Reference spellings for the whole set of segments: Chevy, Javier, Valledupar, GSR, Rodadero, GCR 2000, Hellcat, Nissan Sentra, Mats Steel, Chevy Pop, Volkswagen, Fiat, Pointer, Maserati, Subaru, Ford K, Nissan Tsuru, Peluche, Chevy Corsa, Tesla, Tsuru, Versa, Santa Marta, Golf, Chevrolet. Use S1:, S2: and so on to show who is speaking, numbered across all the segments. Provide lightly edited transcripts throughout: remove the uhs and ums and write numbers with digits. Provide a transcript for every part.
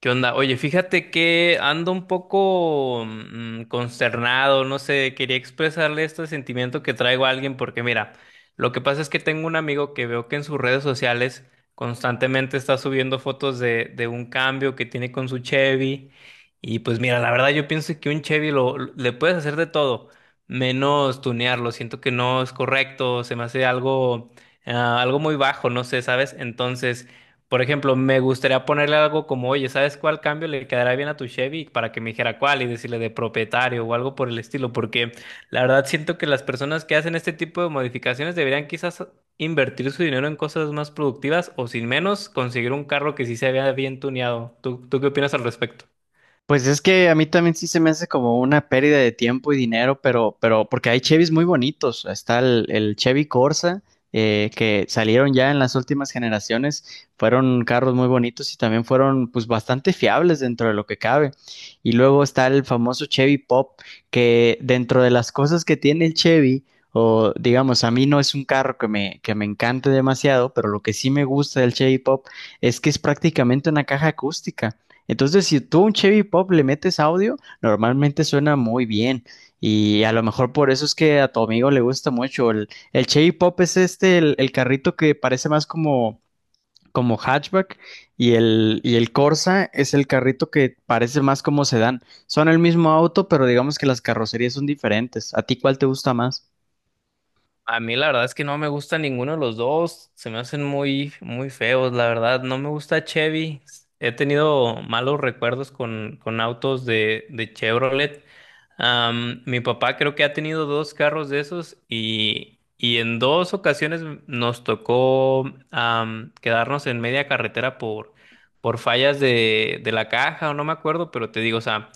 S1: ¿Qué onda? Oye, fíjate que ando un poco consternado, no sé, quería expresarle este sentimiento que traigo a alguien, porque mira, lo que pasa es que tengo un amigo que veo que en sus redes sociales constantemente está subiendo fotos de un cambio que tiene con su Chevy. Y pues mira, la verdad yo pienso que un Chevy le puedes hacer de todo, menos tunearlo. Siento que no es correcto, se me hace algo muy bajo, no sé, ¿sabes? Entonces. Por ejemplo, me gustaría ponerle algo como: oye, ¿sabes cuál cambio le quedará bien a tu Chevy? Para que me dijera cuál y decirle de propietario o algo por el estilo, porque la verdad siento que las personas que hacen este tipo de modificaciones deberían quizás invertir su dinero en cosas más productivas o sin menos conseguir un carro que sí se vea bien tuneado. ¿Tú qué opinas al respecto?
S2: Pues es que a mí también sí se me hace como una pérdida de tiempo y dinero, pero porque hay Chevys muy bonitos. Está el Chevy Corsa, que salieron ya en las últimas generaciones. Fueron carros muy bonitos y también fueron pues bastante fiables dentro de lo que cabe. Y luego está el famoso Chevy Pop, que dentro de las cosas que tiene el Chevy, o digamos, a mí no es un carro que me encante demasiado, pero lo que sí me gusta del Chevy Pop es que es prácticamente una caja acústica. Entonces, si tú a un Chevy Pop le metes audio, normalmente suena muy bien. Y a lo mejor por eso es que a tu amigo le gusta mucho. El Chevy Pop es este, el carrito que parece más como, como hatchback. Y el Corsa es el carrito que parece más como sedán. Son el mismo auto, pero digamos que las carrocerías son diferentes. ¿A ti cuál te gusta más?
S1: A mí la verdad es que no me gusta ninguno de los dos, se me hacen muy, muy feos, la verdad, no me gusta Chevy. He tenido malos recuerdos con autos de Chevrolet. Mi papá creo que ha tenido dos carros de esos, y en dos ocasiones nos tocó quedarnos en media carretera por fallas de la caja, o no me acuerdo, pero te digo, o sea.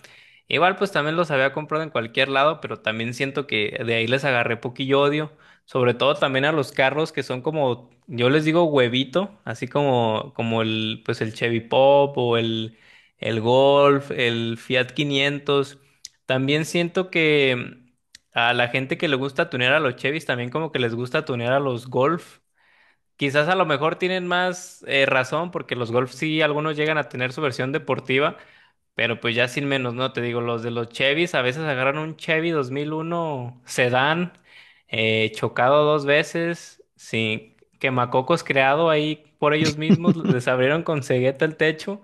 S1: Igual pues también los había comprado en cualquier lado, pero también siento que de ahí les agarré poquillo odio. Sobre todo también a los carros que son como, yo les digo huevito, así como el Chevy Pop o el Golf, el Fiat 500. También siento que a la gente que le gusta tunear a los Chevys, también como que les gusta tunear a los Golf. Quizás a lo mejor tienen más razón, porque los Golf sí, algunos llegan a tener su versión deportiva, pero pues ya sin menos, ¿no? Te digo, los de los Chevys a veces agarran un Chevy 2001 sedán, chocado dos veces, sin quemacocos creado ahí por ellos mismos, les abrieron con cegueta el techo.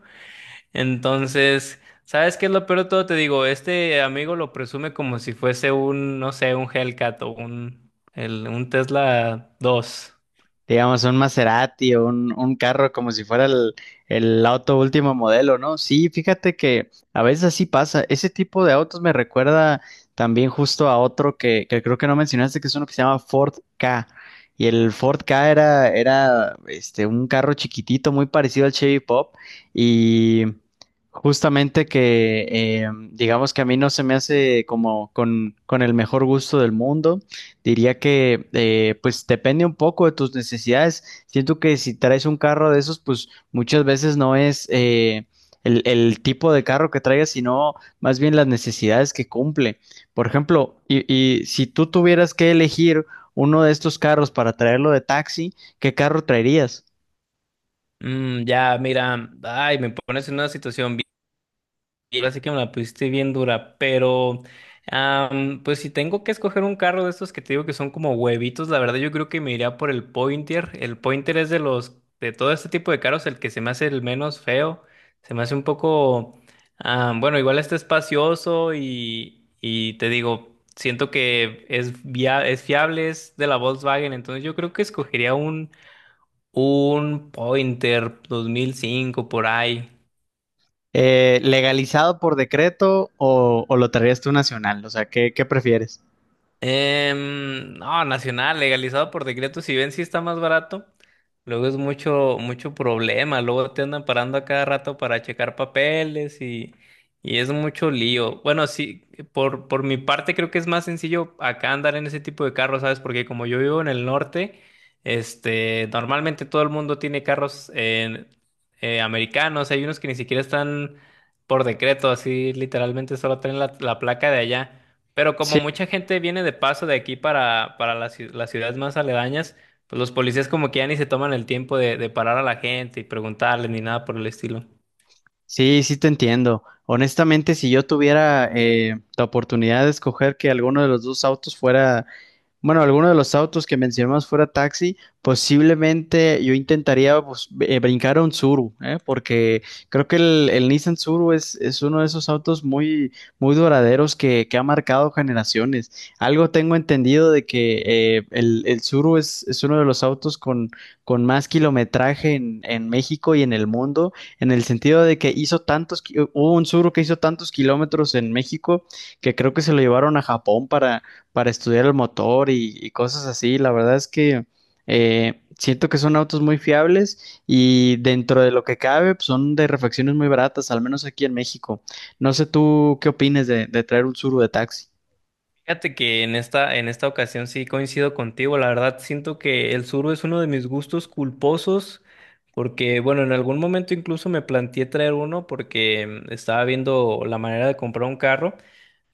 S1: Entonces, ¿sabes qué es lo peor de todo? Te digo, este amigo lo presume como si fuese un, no sé, un Hellcat o un Tesla dos.
S2: Digamos, un Maserati un carro como si fuera el auto último modelo, ¿no? Sí, fíjate que a veces así pasa. Ese tipo de autos me recuerda también justo a otro que creo que no mencionaste, que es uno que se llama Ford K. Y el Ford K era este, un carro chiquitito, muy parecido al Chevy Pop. Y justamente que, digamos que a mí no se me hace como con el mejor gusto del mundo. Diría que pues depende un poco de tus necesidades. Siento que si traes un carro de esos, pues muchas veces no es el tipo de carro que traigas, sino más bien las necesidades que cumple. Por ejemplo, y si tú tuvieras que elegir uno de estos carros para traerlo de taxi, ¿qué carro traerías?
S1: Mm, ya, mira, ay, me pones en una situación. Ahora sí que me la pusiste bien dura, pero pues si tengo que escoger un carro de estos que te digo que son como huevitos, la verdad yo creo que me iría por el Pointer. El Pointer es, de los de todo este tipo de carros, el que se me hace el menos feo, se me hace un poco, bueno, igual está espacioso, y te digo, siento que es fiable, es de la Volkswagen, entonces yo creo que escogería un Pointer 2005 por ahí.
S2: ¿Legalizado por decreto o lo traerías tú nacional? O sea, qué prefieres?
S1: No, nacional. Legalizado por decreto, si bien sí está más barato, luego es mucho, mucho problema, luego te andan parando a cada rato para checar papeles y es mucho lío. Bueno, sí, por mi parte creo que es más sencillo acá andar en ese tipo de carros, ¿sabes? Porque como yo vivo en el norte, este, normalmente todo el mundo tiene carros americanos, hay unos que ni siquiera están por decreto, así literalmente solo traen la placa de allá. Pero como mucha gente viene de paso de aquí para las ciudades más aledañas, pues los policías como que ya ni se toman el tiempo de parar a la gente y preguntarles ni nada por el estilo.
S2: Sí, sí te entiendo. Honestamente, si yo tuviera la oportunidad de escoger que alguno de los dos autos fuera, bueno, alguno de los autos que mencionamos fuera taxi, posiblemente yo intentaría pues, brincar a un Tsuru, ¿eh? Porque creo que el Nissan Tsuru es uno de esos autos muy, muy duraderos que ha marcado generaciones. Algo tengo entendido de que el Tsuru es uno de los autos con más kilometraje en México y en el mundo, en el sentido de que hizo tantos, hubo un zurdo que hizo tantos kilómetros en México que creo que se lo llevaron a Japón para estudiar el motor y cosas así. La verdad es que siento que son autos muy fiables y dentro de lo que cabe pues, son de refacciones muy baratas, al menos aquí en México. No sé tú qué opines de traer un Tsuru de taxi.
S1: Fíjate que en esta ocasión sí coincido contigo, la verdad siento que el sur es uno de mis gustos culposos, porque bueno, en algún momento incluso me planteé traer uno porque estaba viendo la manera de comprar un carro.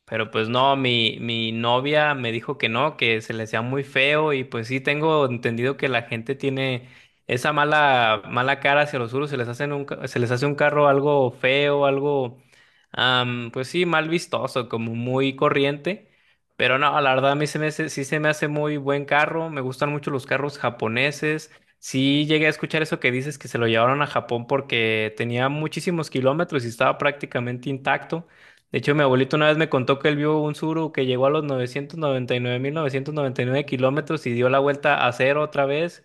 S1: Pero pues no, mi novia me dijo que no, que se le hacía muy feo, y pues sí tengo entendido que la gente tiene esa mala, mala cara hacia los suros, se les hace un carro algo feo, pues sí, mal vistoso, como muy corriente. Pero no, la verdad a mí sí se me hace muy buen carro, me gustan mucho los carros japoneses. Sí llegué a escuchar eso que dices, que se lo llevaron a Japón porque tenía muchísimos kilómetros y estaba prácticamente intacto. De hecho, mi abuelito una vez me contó que él vio un suru que llegó a los 999.999 kilómetros y dio la vuelta a cero otra vez.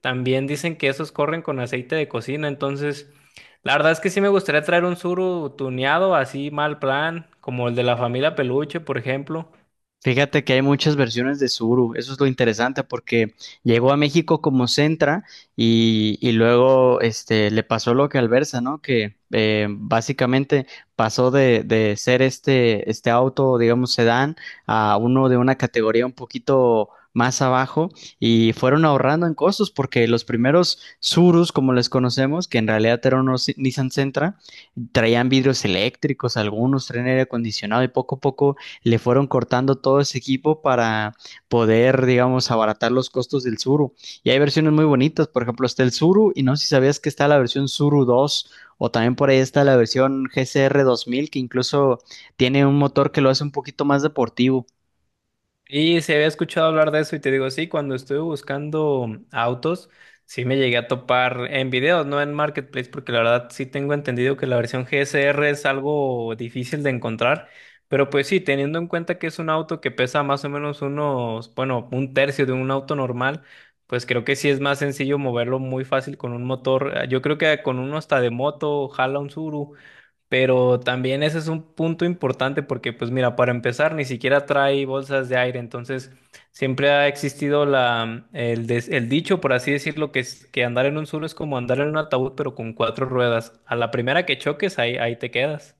S1: También dicen que esos corren con aceite de cocina. Entonces, la verdad es que sí me gustaría traer un suru tuneado, así mal plan, como el de la familia Peluche, por ejemplo.
S2: Fíjate que hay muchas versiones de Subaru. Eso es lo interesante porque llegó a México como Sentra y luego este, le pasó lo que al Versa, ¿no? Que básicamente pasó de ser este, este auto, digamos, sedán, a uno de una categoría un poquito más abajo y fueron ahorrando en costos porque los primeros Subarus, como les conocemos, que en realidad eran unos Nissan Sentra, traían vidrios eléctricos, algunos traían aire acondicionado y poco a poco le fueron cortando todo ese equipo para poder, digamos, abaratar los costos del Zuru. Y hay versiones muy bonitas, por ejemplo, está el Zuru y no sé si sabías que está la versión Zuru 2, o también por ahí está la versión GCR 2000 que incluso tiene un motor que lo hace un poquito más deportivo.
S1: Y se había escuchado hablar de eso, y te digo, sí, cuando estuve buscando autos, sí me llegué a topar en videos, no en Marketplace, porque la verdad sí tengo entendido que la versión GSR es algo difícil de encontrar, pero pues sí, teniendo en cuenta que es un auto que pesa más o menos unos, bueno, un tercio de un auto normal, pues creo que sí es más sencillo moverlo muy fácil con un motor, yo creo que con uno hasta de moto jala un Tsuru. Pero también ese es un punto importante, porque, pues mira, para empezar, ni siquiera trae bolsas de aire. Entonces, siempre ha existido el dicho, por así decirlo, que andar en un solo es como andar en un ataúd, pero con cuatro ruedas. A la primera que choques, ahí, ahí te quedas.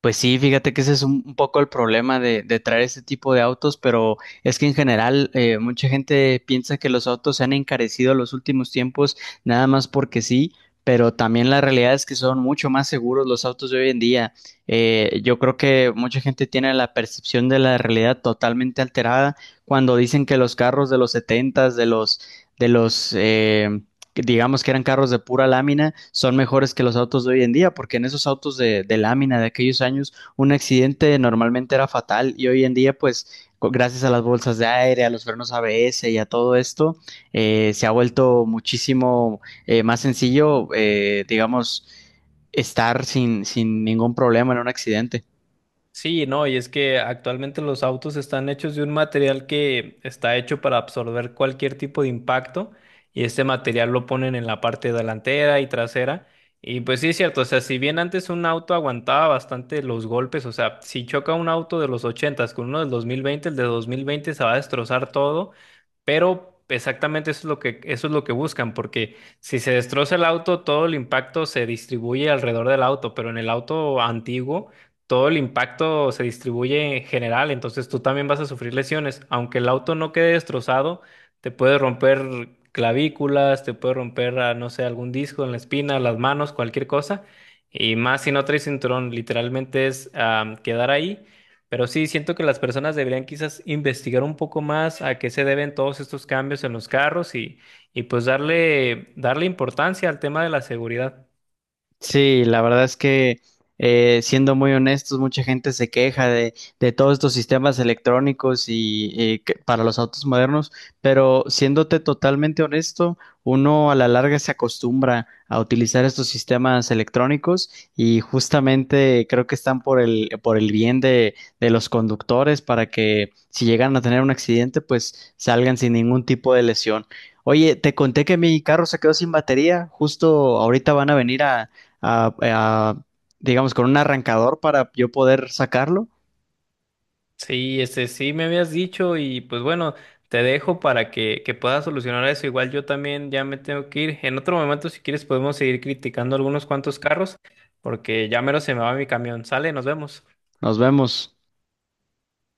S2: Pues sí, fíjate que ese es un poco el problema de traer este tipo de autos, pero es que en general mucha gente piensa que los autos se han encarecido los últimos tiempos nada más porque sí, pero también la realidad es que son mucho más seguros los autos de hoy en día. Yo creo que mucha gente tiene la percepción de la realidad totalmente alterada cuando dicen que los carros de los setentas, de los que digamos que eran carros de pura lámina, son mejores que los autos de hoy en día, porque en esos autos de lámina de aquellos años, un accidente normalmente era fatal y hoy en día, pues, co- gracias a las bolsas de aire, a los frenos ABS y a todo esto, se ha vuelto muchísimo más sencillo, digamos, estar sin, sin ningún problema en un accidente.
S1: Sí, no, y es que actualmente los autos están hechos de un material que está hecho para absorber cualquier tipo de impacto, y este material lo ponen en la parte delantera y trasera. Y pues sí es cierto, o sea, si bien antes un auto aguantaba bastante los golpes, o sea, si choca un auto de los ochentas con uno del 2020, el de 2020 se va a destrozar todo, pero exactamente eso es lo que, eso es lo que buscan, porque si se destroza el auto, todo el impacto se distribuye alrededor del auto, pero en el auto antiguo todo el impacto se distribuye en general, entonces tú también vas a sufrir lesiones. Aunque el auto no quede destrozado, te puede romper clavículas, te puede romper, no sé, algún disco en la espina, las manos, cualquier cosa. Y más si no traes cinturón, literalmente es, quedar ahí. Pero sí, siento que las personas deberían quizás investigar un poco más a qué se deben todos estos cambios en los carros, y pues darle importancia al tema de la seguridad.
S2: Sí, la verdad es que siendo muy honestos, mucha gente se queja de todos estos sistemas electrónicos y que- para los autos modernos, pero siéndote totalmente honesto, uno a la larga se acostumbra a utilizar estos sistemas electrónicos y justamente creo que están por por el bien de los conductores para que si llegan a tener un accidente, pues salgan sin ningún tipo de lesión. Oye, te conté que mi carro se quedó sin batería. Justo ahorita van a venir a digamos, con un arrancador para yo poder sacarlo.
S1: Sí, este sí me habías dicho y pues bueno, te dejo para que puedas solucionar eso. Igual yo también ya me tengo que ir. En otro momento, si quieres, podemos seguir criticando algunos cuantos carros, porque ya mero se me va mi camión. Sale, nos vemos.
S2: Nos vemos.